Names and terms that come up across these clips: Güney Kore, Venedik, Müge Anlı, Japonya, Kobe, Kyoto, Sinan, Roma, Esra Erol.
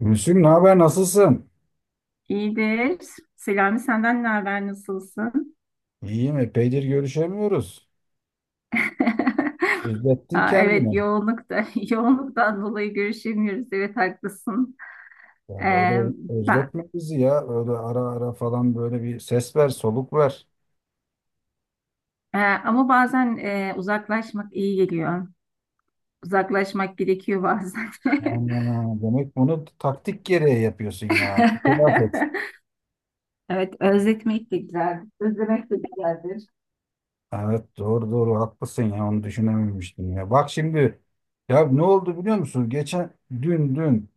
Gülsüm, ne haber, nasılsın? İyidir. Selami senden ne haber? Nasılsın? İyiyim, epeydir görüşemiyoruz. Özlettin Ha, evet kendini. yoğunlukta, da yoğunluktan dolayı görüşemiyoruz. Evet haklısın. Ee, Ya böyle ben, özletme bizi ya. Öyle ara ara falan böyle bir ses ver, soluk ver. Ama bazen uzaklaşmak iyi geliyor. Uzaklaşmak gerekiyor bazen. Aynen. Demek bunu taktik gereği yapıyorsun yani. İtiraf et. Evet, özletmek de güzel. Özlemek de güzeldir. Evet, doğru doğru haklısın ya, onu düşünememiştim ya. Bak şimdi, ya ne oldu biliyor musun? Geçen dün,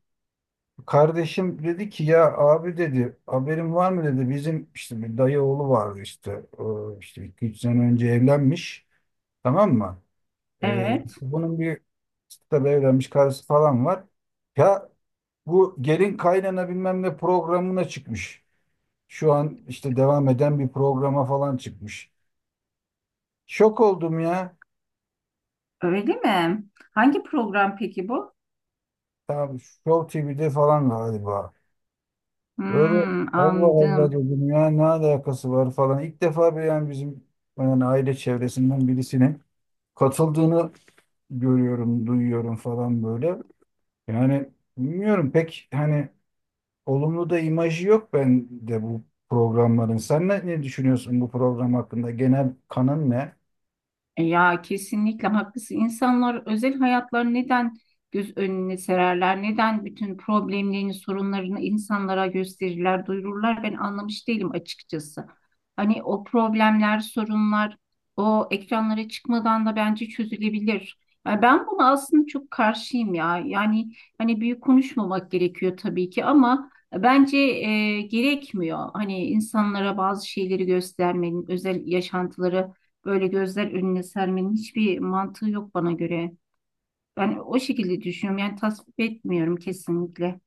kardeşim dedi ki, ya abi dedi, haberin var mı dedi, bizim işte bir dayı oğlu vardı işte, o işte 2-3 sene önce evlenmiş, tamam mı? Ee, Evet, bunun bir Tabii evlenmiş, karısı falan var. Ya bu gelin kaynana bilmem ne programına çıkmış. Şu an işte devam eden bir programa falan çıkmış. Şok oldum ya. öyle mi? Hangi program peki bu? Tabii Show TV'de falan galiba. Böyle Hmm, Allah Allah anladım. dedim ya, ne alakası var falan. İlk defa bir, yani bizim, yani aile çevresinden birisinin katıldığını görüyorum, duyuyorum falan böyle. Yani bilmiyorum pek, hani olumlu da imajı yok bende bu programların. Sen ne düşünüyorsun bu program hakkında? Genel kanın ne? Ya kesinlikle haklısın. İnsanlar özel hayatlarını neden göz önüne sererler? Neden bütün problemlerini, sorunlarını insanlara gösterirler, duyururlar? Ben anlamış değilim açıkçası. Hani o problemler, sorunlar o ekranlara çıkmadan da bence çözülebilir. Yani ben buna aslında çok karşıyım ya. Yani hani büyük konuşmamak gerekiyor tabii ki ama bence gerekmiyor. Hani insanlara bazı şeyleri göstermenin, özel yaşantıları böyle gözler önüne sermenin hiçbir mantığı yok bana göre. Ben o şekilde düşünüyorum. Yani tasvip etmiyorum kesinlikle.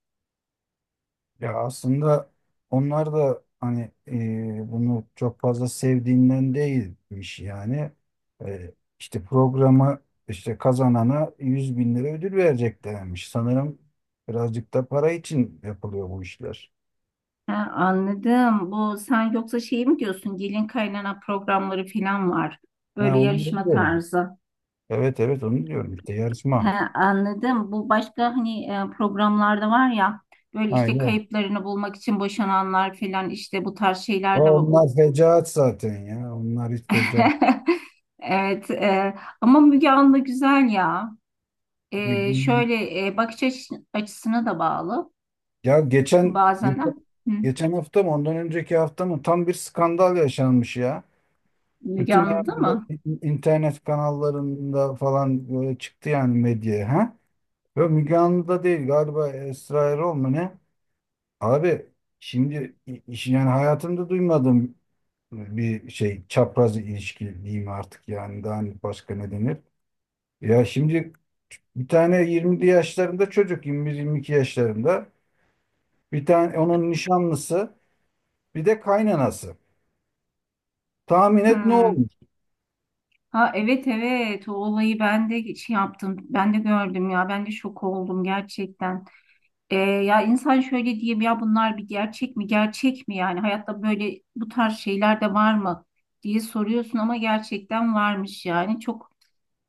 Ya aslında onlar da hani bunu çok fazla sevdiğinden değilmiş yani. İşte programı, işte kazanana 100 bin lira ödül vereceklermiş. Sanırım birazcık da para için yapılıyor bu işler. Ha, anladım. Bu sen yoksa şey mi diyorsun? Gelin kaynana programları falan var. Ha, Böyle onu da yarışma diyorum. tarzı. Evet, evet, onu diyorum işte, yarışma. Ha, anladım. Bu başka hani programlarda var ya böyle Ha, işte yok. kayıplarını bulmak için boşananlar falan işte bu tarz O- şeyler de var. Onlar fecaat zaten ya. Onlar hiç fecaat. Evet. Ama Müge Anlı güzel ya. Şöyle bakış açısına da bağlı Ya geçen bazen. geçen Ha. Hı. geçen hafta mı, ondan önceki hafta mı, tam bir skandal yaşanmış ya. Müge Bütün anladı herhalde mı? internet kanallarında falan böyle çıktı yani medyaya ha. Ve Müge Anlı'da değil galiba, Esra Erol mu ne? Abi şimdi yani hayatımda duymadığım bir şey, çapraz ilişki diyeyim artık yani, daha hani başka ne denir? Ya şimdi bir tane 20'li yaşlarında çocuk, 21-22 yaşlarında, bir tane onun nişanlısı, bir de kaynanası. Tahmin et ne Hı. olmuş? Ha, evet, evet, o olayı ben de şey yaptım. Ben de gördüm ya. Ben de şok oldum gerçekten. Ya insan şöyle diyeyim ya bunlar bir gerçek mi? Gerçek mi yani? Hayatta böyle bu tarz şeyler de var mı diye soruyorsun ama gerçekten varmış yani. Çok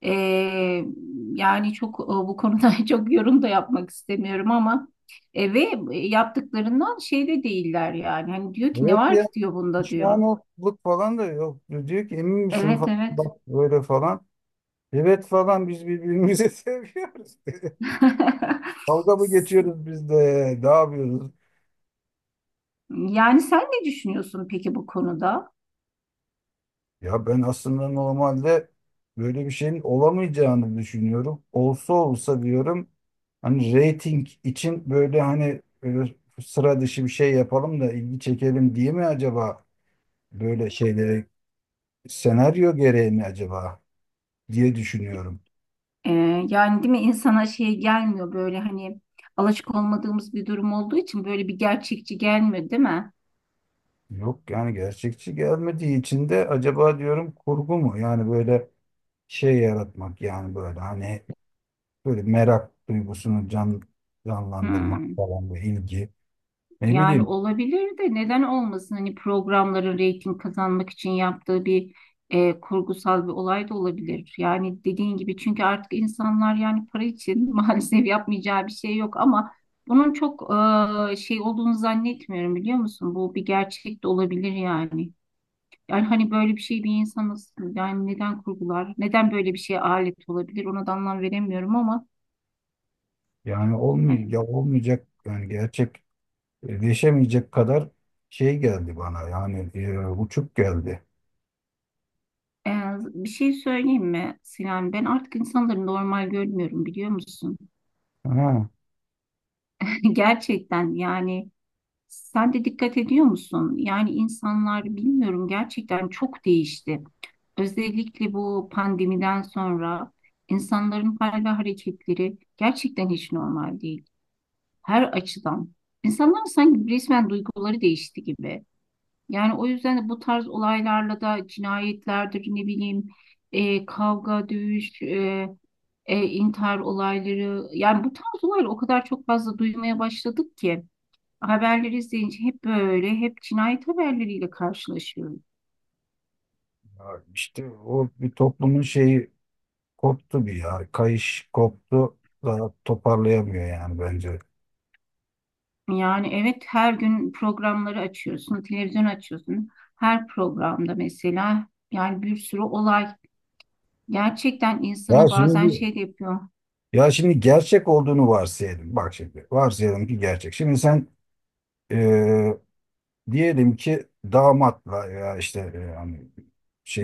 Ee, Yani çok bu konuda çok yorum da yapmak istemiyorum ama ve yaptıklarından şey de değiller yani. Hani diyor ki ne Evet. var ki diyor bunda diyor. Düşmanlık falan da yok. Diyor ki emin misin Evet, falan, evet. bak böyle falan. Evet falan, biz birbirimizi seviyoruz. Dalga mı geçiyoruz, biz de ne yapıyoruz? Yani sen ne düşünüyorsun peki bu konuda? Ya ben aslında normalde böyle bir şeyin olamayacağını düşünüyorum. Olsa olsa diyorum, hani reyting için böyle, hani böyle sıra dışı bir şey yapalım da ilgi çekelim diye mi acaba, böyle şeylere senaryo gereği mi acaba diye düşünüyorum. Yani değil mi, insana şey gelmiyor böyle hani alışık olmadığımız bir durum olduğu için böyle bir gerçekçi gelmiyor değil mi? Yok yani, gerçekçi gelmediği için de acaba diyorum kurgu mu? Yani böyle şey yaratmak, yani böyle hani böyle merak duygusunu canlandırmak Hmm. falan bu ilgi. Ne Yani bileyim olabilir de neden olmasın? Hani programların reyting kazanmak için yaptığı bir kurgusal bir olay da olabilir. Yani dediğin gibi çünkü artık insanlar yani para için maalesef yapmayacağı bir şey yok ama bunun çok şey olduğunu zannetmiyorum biliyor musun? Bu bir gerçek de olabilir yani. Yani hani böyle bir şey bir insan nasıl yani neden kurgular? Neden böyle bir şeye alet olabilir? Ona da anlam veremiyorum ama yani, olmuyor ya, olmayacak yani, gerçekleşemeyecek kadar şey geldi bana yani, uçuk geldi. Ee, bir şey söyleyeyim mi Sinan? Ben artık insanları normal görmüyorum biliyor musun? Ha, Gerçekten yani sen de dikkat ediyor musun? Yani insanlar bilmiyorum, gerçekten çok değişti. Özellikle bu pandemiden sonra insanların hal ve hareketleri gerçekten hiç normal değil. Her açıdan. İnsanların sanki resmen duyguları değişti gibi. Yani o yüzden de bu tarz olaylarla da cinayetlerdir, ne bileyim, kavga, dövüş, intihar olayları, yani bu tarz olayları o kadar çok fazla duymaya başladık ki haberleri izleyince hep böyle hep cinayet haberleriyle karşılaşıyoruz. ya işte o bir toplumun şeyi koptu, bir ya kayış koptu da toparlayamıyor yani bence. Yani evet, her gün programları açıyorsun, televizyon açıyorsun. Her programda mesela yani bir sürü olay gerçekten Ya insanı bazen şimdi şey de yapıyor. Ya şimdi gerçek olduğunu varsayalım. Bak şimdi, varsayalım ki gerçek. Şimdi sen, e, diyelim ki damatla, ya işte, hani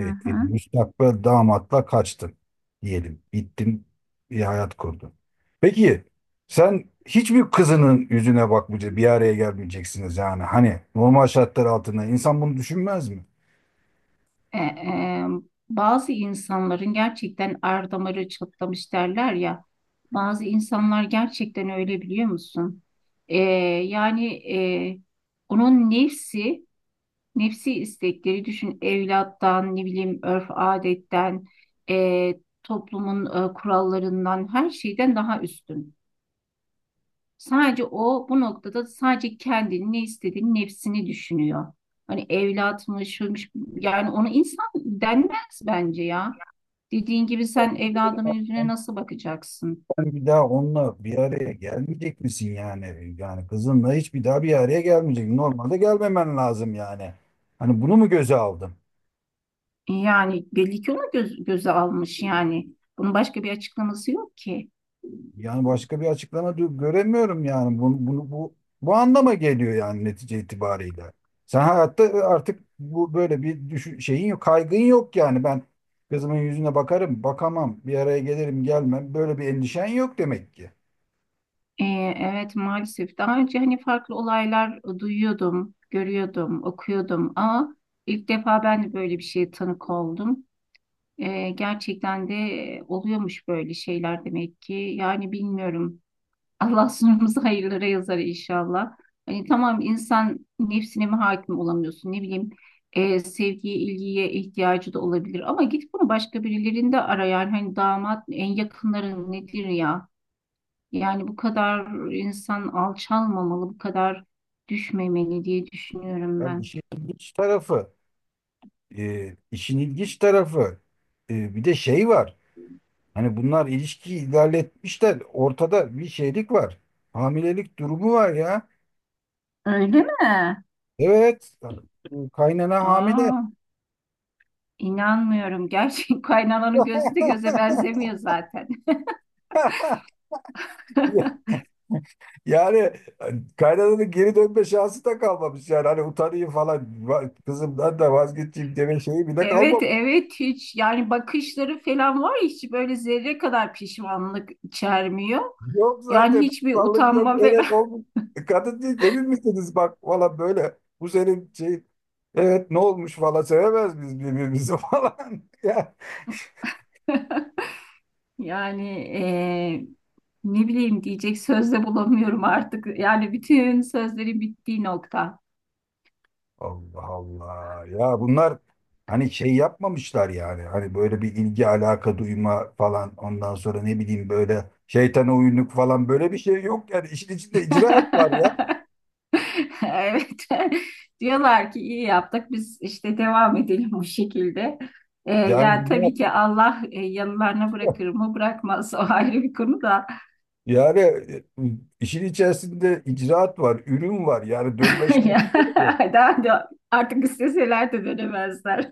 Hı hı. müstakbel damatla kaçtın diyelim. Gittin, bir hayat kurdun. Peki sen hiçbir kızının yüzüne bakmayacaksın, bir araya gelmeyeceksiniz yani. Hani normal şartlar altında insan bunu düşünmez mi? E, e, Bazı insanların gerçekten er damarı çatlamış derler ya. Bazı insanlar gerçekten öyle biliyor musun? E, Yani e, onun nefsi, istekleri düşün evlattan, ne bileyim, örf adetten, e, toplumun kurallarından, her şeyden daha üstün. Sadece o bu noktada sadece kendini, ne istediğini, nefsini düşünüyor. Hani evlatmış, şuymuş, yani ona insan denmez bence ya. Dediğin gibi sen evladının yüzüne nasıl bakacaksın? Sen bir daha onunla bir araya gelmeyecek misin yani? Yani kızınla hiç bir daha bir araya gelmeyecek. Normalde gelmemen lazım yani. Hani bunu mu göze aldım? Yani belli ki onu göz, göze almış yani. Bunun başka bir açıklaması yok ki. Yani başka bir açıklama göremiyorum yani. Bunu, bunu bu bu anlama geliyor yani netice itibariyle. Sen hayatta, artık bu, böyle bir düşün, şeyin yok, kaygın yok yani. Ben kızımın yüzüne bakarım, bakamam, bir araya gelirim, gelmem. Böyle bir endişen yok demek ki. Ee, evet, maalesef daha önce hani farklı olaylar duyuyordum, görüyordum, okuyordum ama ilk defa ben de böyle bir şeye tanık oldum. Gerçekten de oluyormuş böyle şeyler demek ki. Yani bilmiyorum. Allah sınırımızı hayırlara yazar inşallah. Hani tamam, insan nefsine mi hakim olamıyorsun, ne bileyim, sevgiye, ilgiye ihtiyacı da olabilir ama git bunu başka birilerinde ara yani, hani damat, en yakınların nedir ya? Yani bu kadar insan alçalmamalı, bu kadar düşmemeli diye düşünüyorum Yani ben. işin ilginç tarafı. İşin ilginç tarafı, bir de şey var. Hani bunlar ilişkiyi ilerletmişler. Ortada bir şeylik var. Hamilelik durumu var ya. Öyle mi? Evet. Kaynana hamile. Aa, inanmıyorum. Gerçek kaynananın gözü de göze benzemiyor zaten. Yani kaynananın geri dönme şansı da kalmamış yani. Hani utanayım falan, kızımdan da vazgeçeyim deme şeyi bile Evet, kalmamış. evet hiç yani bakışları falan var ya, hiç böyle zerre kadar pişmanlık içermiyor. Yok, Yani zaten hiçbir kutsallık yok. utanma falan. Evet, olmuş. Kadın değil emin misiniz, bak valla böyle. Bu senin şey. Evet, ne olmuş falan, sevemez biz birbirimizi falan. Ya. Yani ne bileyim, diyecek söz de bulamıyorum artık. Yani bütün sözlerin bittiği nokta. Allah Allah. Ya bunlar hani şey yapmamışlar yani. Hani böyle bir ilgi alaka duyma falan, ondan sonra ne bileyim, böyle şeytana uyunluk falan, böyle bir şey yok yani, işin içinde icraat var ya. Evet. Diyorlar ki iyi yaptık. Biz işte devam edelim o şekilde. Yani Ya bunlar tabii ki Allah yanılarına bırakır mı bırakmaz o ayrı bir konu da. yani, işin içerisinde icraat var, ürün var. Yani dönme şansı Ya, da yok. daha da artık isteseler de dönemezler.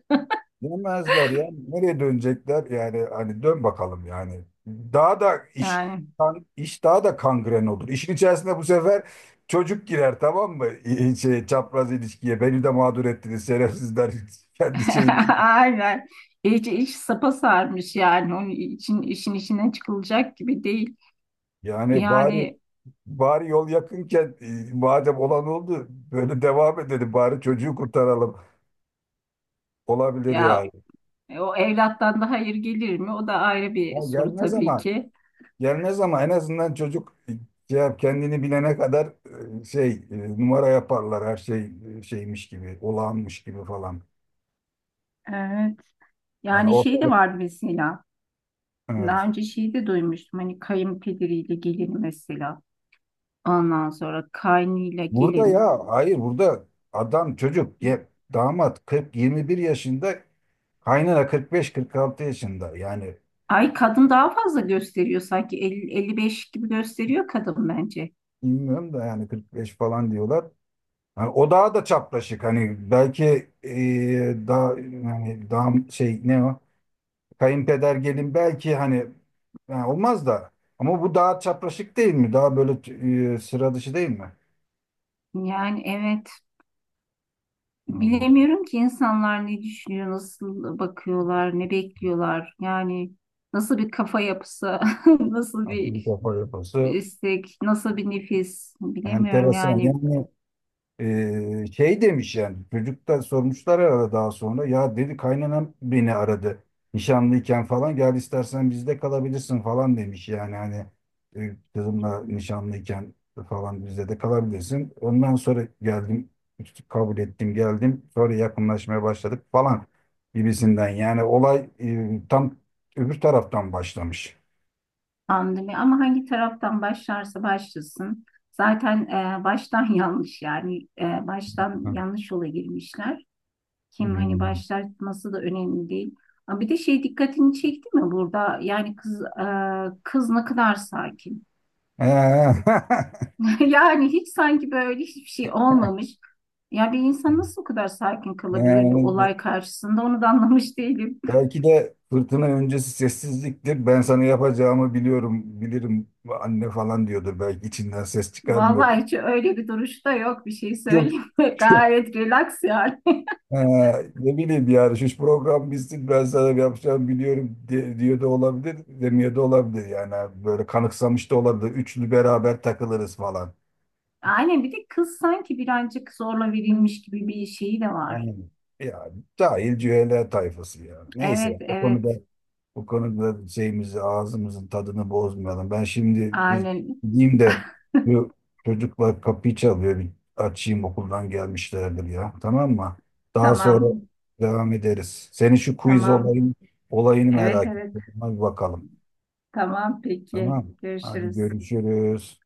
Dönmezler ya. Nereye dönecekler? Yani hani dön bakalım yani. Daha da iş Yani kan- iş daha da kangren olur. İşin içerisinde bu sefer çocuk girer, tamam mı? Şey, çapraz ilişkiye. Beni de mağdur ettiniz şerefsizler. Kendi şeyiniz. aynen. İyice iş sapa sarmış yani. Onun için işin içinden çıkılacak gibi değil. Yani bari Yani bari yol yakınken, madem olan oldu, böyle devam edelim. Bari çocuğu kurtaralım. Olabilir yani. ya o evlattan da hayır gelir mi? O da ayrı bir Ya soru gelmez tabii ama. ki. Gelmez ama en azından çocuk şey yap, kendini bilene kadar, şey, numara yaparlar, her şey şeymiş gibi, olağanmış gibi falan. Evet. Yani Yani şey de ortalık, vardı mesela. Daha evet. önce şeyi de duymuştum. Hani kayınpederiyle gelin mesela. Ondan sonra kaynıyla Burada, gelin. ya hayır, burada adam çocuk ya, damat 40-21 yaşında, kaynana 45-46 yaşında yani, Ay, kadın daha fazla gösteriyor sanki. 50-55 gibi gösteriyor kadın bence. bilmiyorum da yani 45 falan diyorlar. Yani o daha da çapraşık, hani belki, daha yani daha şey ne, o kayınpeder gelin belki hani, ha, olmaz da, ama bu daha çapraşık değil mi? Daha böyle sıra dışı değil mi? Yani evet. Bu Bilemiyorum ki insanlar ne düşünüyor, nasıl bakıyorlar, ne bekliyorlar. Yani nasıl bir kafa yapısı, nasıl akili bir kafa yapısı istek, nasıl bir nefis. Bilemiyorum enteresan. yani. Yani şey demiş yani, çocuk sormuşlar arada, daha sonra ya dedi, kaynanam beni aradı nişanlıyken falan, gel istersen bizde kalabilirsin falan demiş yani, hani kızımla nişanlıyken falan bizde de kalabilirsin, ondan sonra geldim, kabul ettim, geldim, sonra yakınlaşmaya başladık falan gibisinden, yani olay, tam öbür taraftan başlamış. Pandemi ama hangi taraftan başlarsa başlasın. Zaten baştan yanlış yani, baştan Ha. yanlış yola girmişler. Kim hani Hmm. başlatması da önemli değil. Ama bir de şey dikkatini çekti mi burada? Yani kız ne kadar sakin. Ee, Yani hiç sanki böyle hiçbir şey olmamış. Ya bir insan nasıl o kadar sakin kalabilir bir yani olay karşısında, onu da anlamış değilim. belki de fırtına öncesi sessizliktir. Ben sana yapacağımı biliyorum, bilirim anne falan diyordur. Belki içinden ses çıkarmıyordur. Vallahi hiç öyle bir duruşta yok, bir şey Çok, söyleyeyim mi? çok- Gayet relax yani. Ha, ne bileyim yani, şu program bitsin ben sana yapacağımı biliyorum de, diyor da olabilir, demiyor da olabilir. Yani böyle kanıksamış da olabilir. Üçlü beraber takılırız falan. Aynen, bir de kız sanki birazcık zorla verilmiş gibi bir şeyi de var. Aynen. Yani cahil cühele tayfası ya. Neyse Evet, o evet, konuda Bu konuda şeyimizi, ağzımızın tadını bozmayalım. Ben şimdi bir aynen, gideyim de, şu çocuklar kapıyı çalıyor, bir açayım, okuldan gelmişlerdir ya. Tamam mı? Daha sonra tamam, devam ederiz. Senin şu quiz tamam, olayını evet, merak evet, ettim. Hadi bakalım. tamam, peki Tamam mı? Hadi görüşürüz. görüşürüz.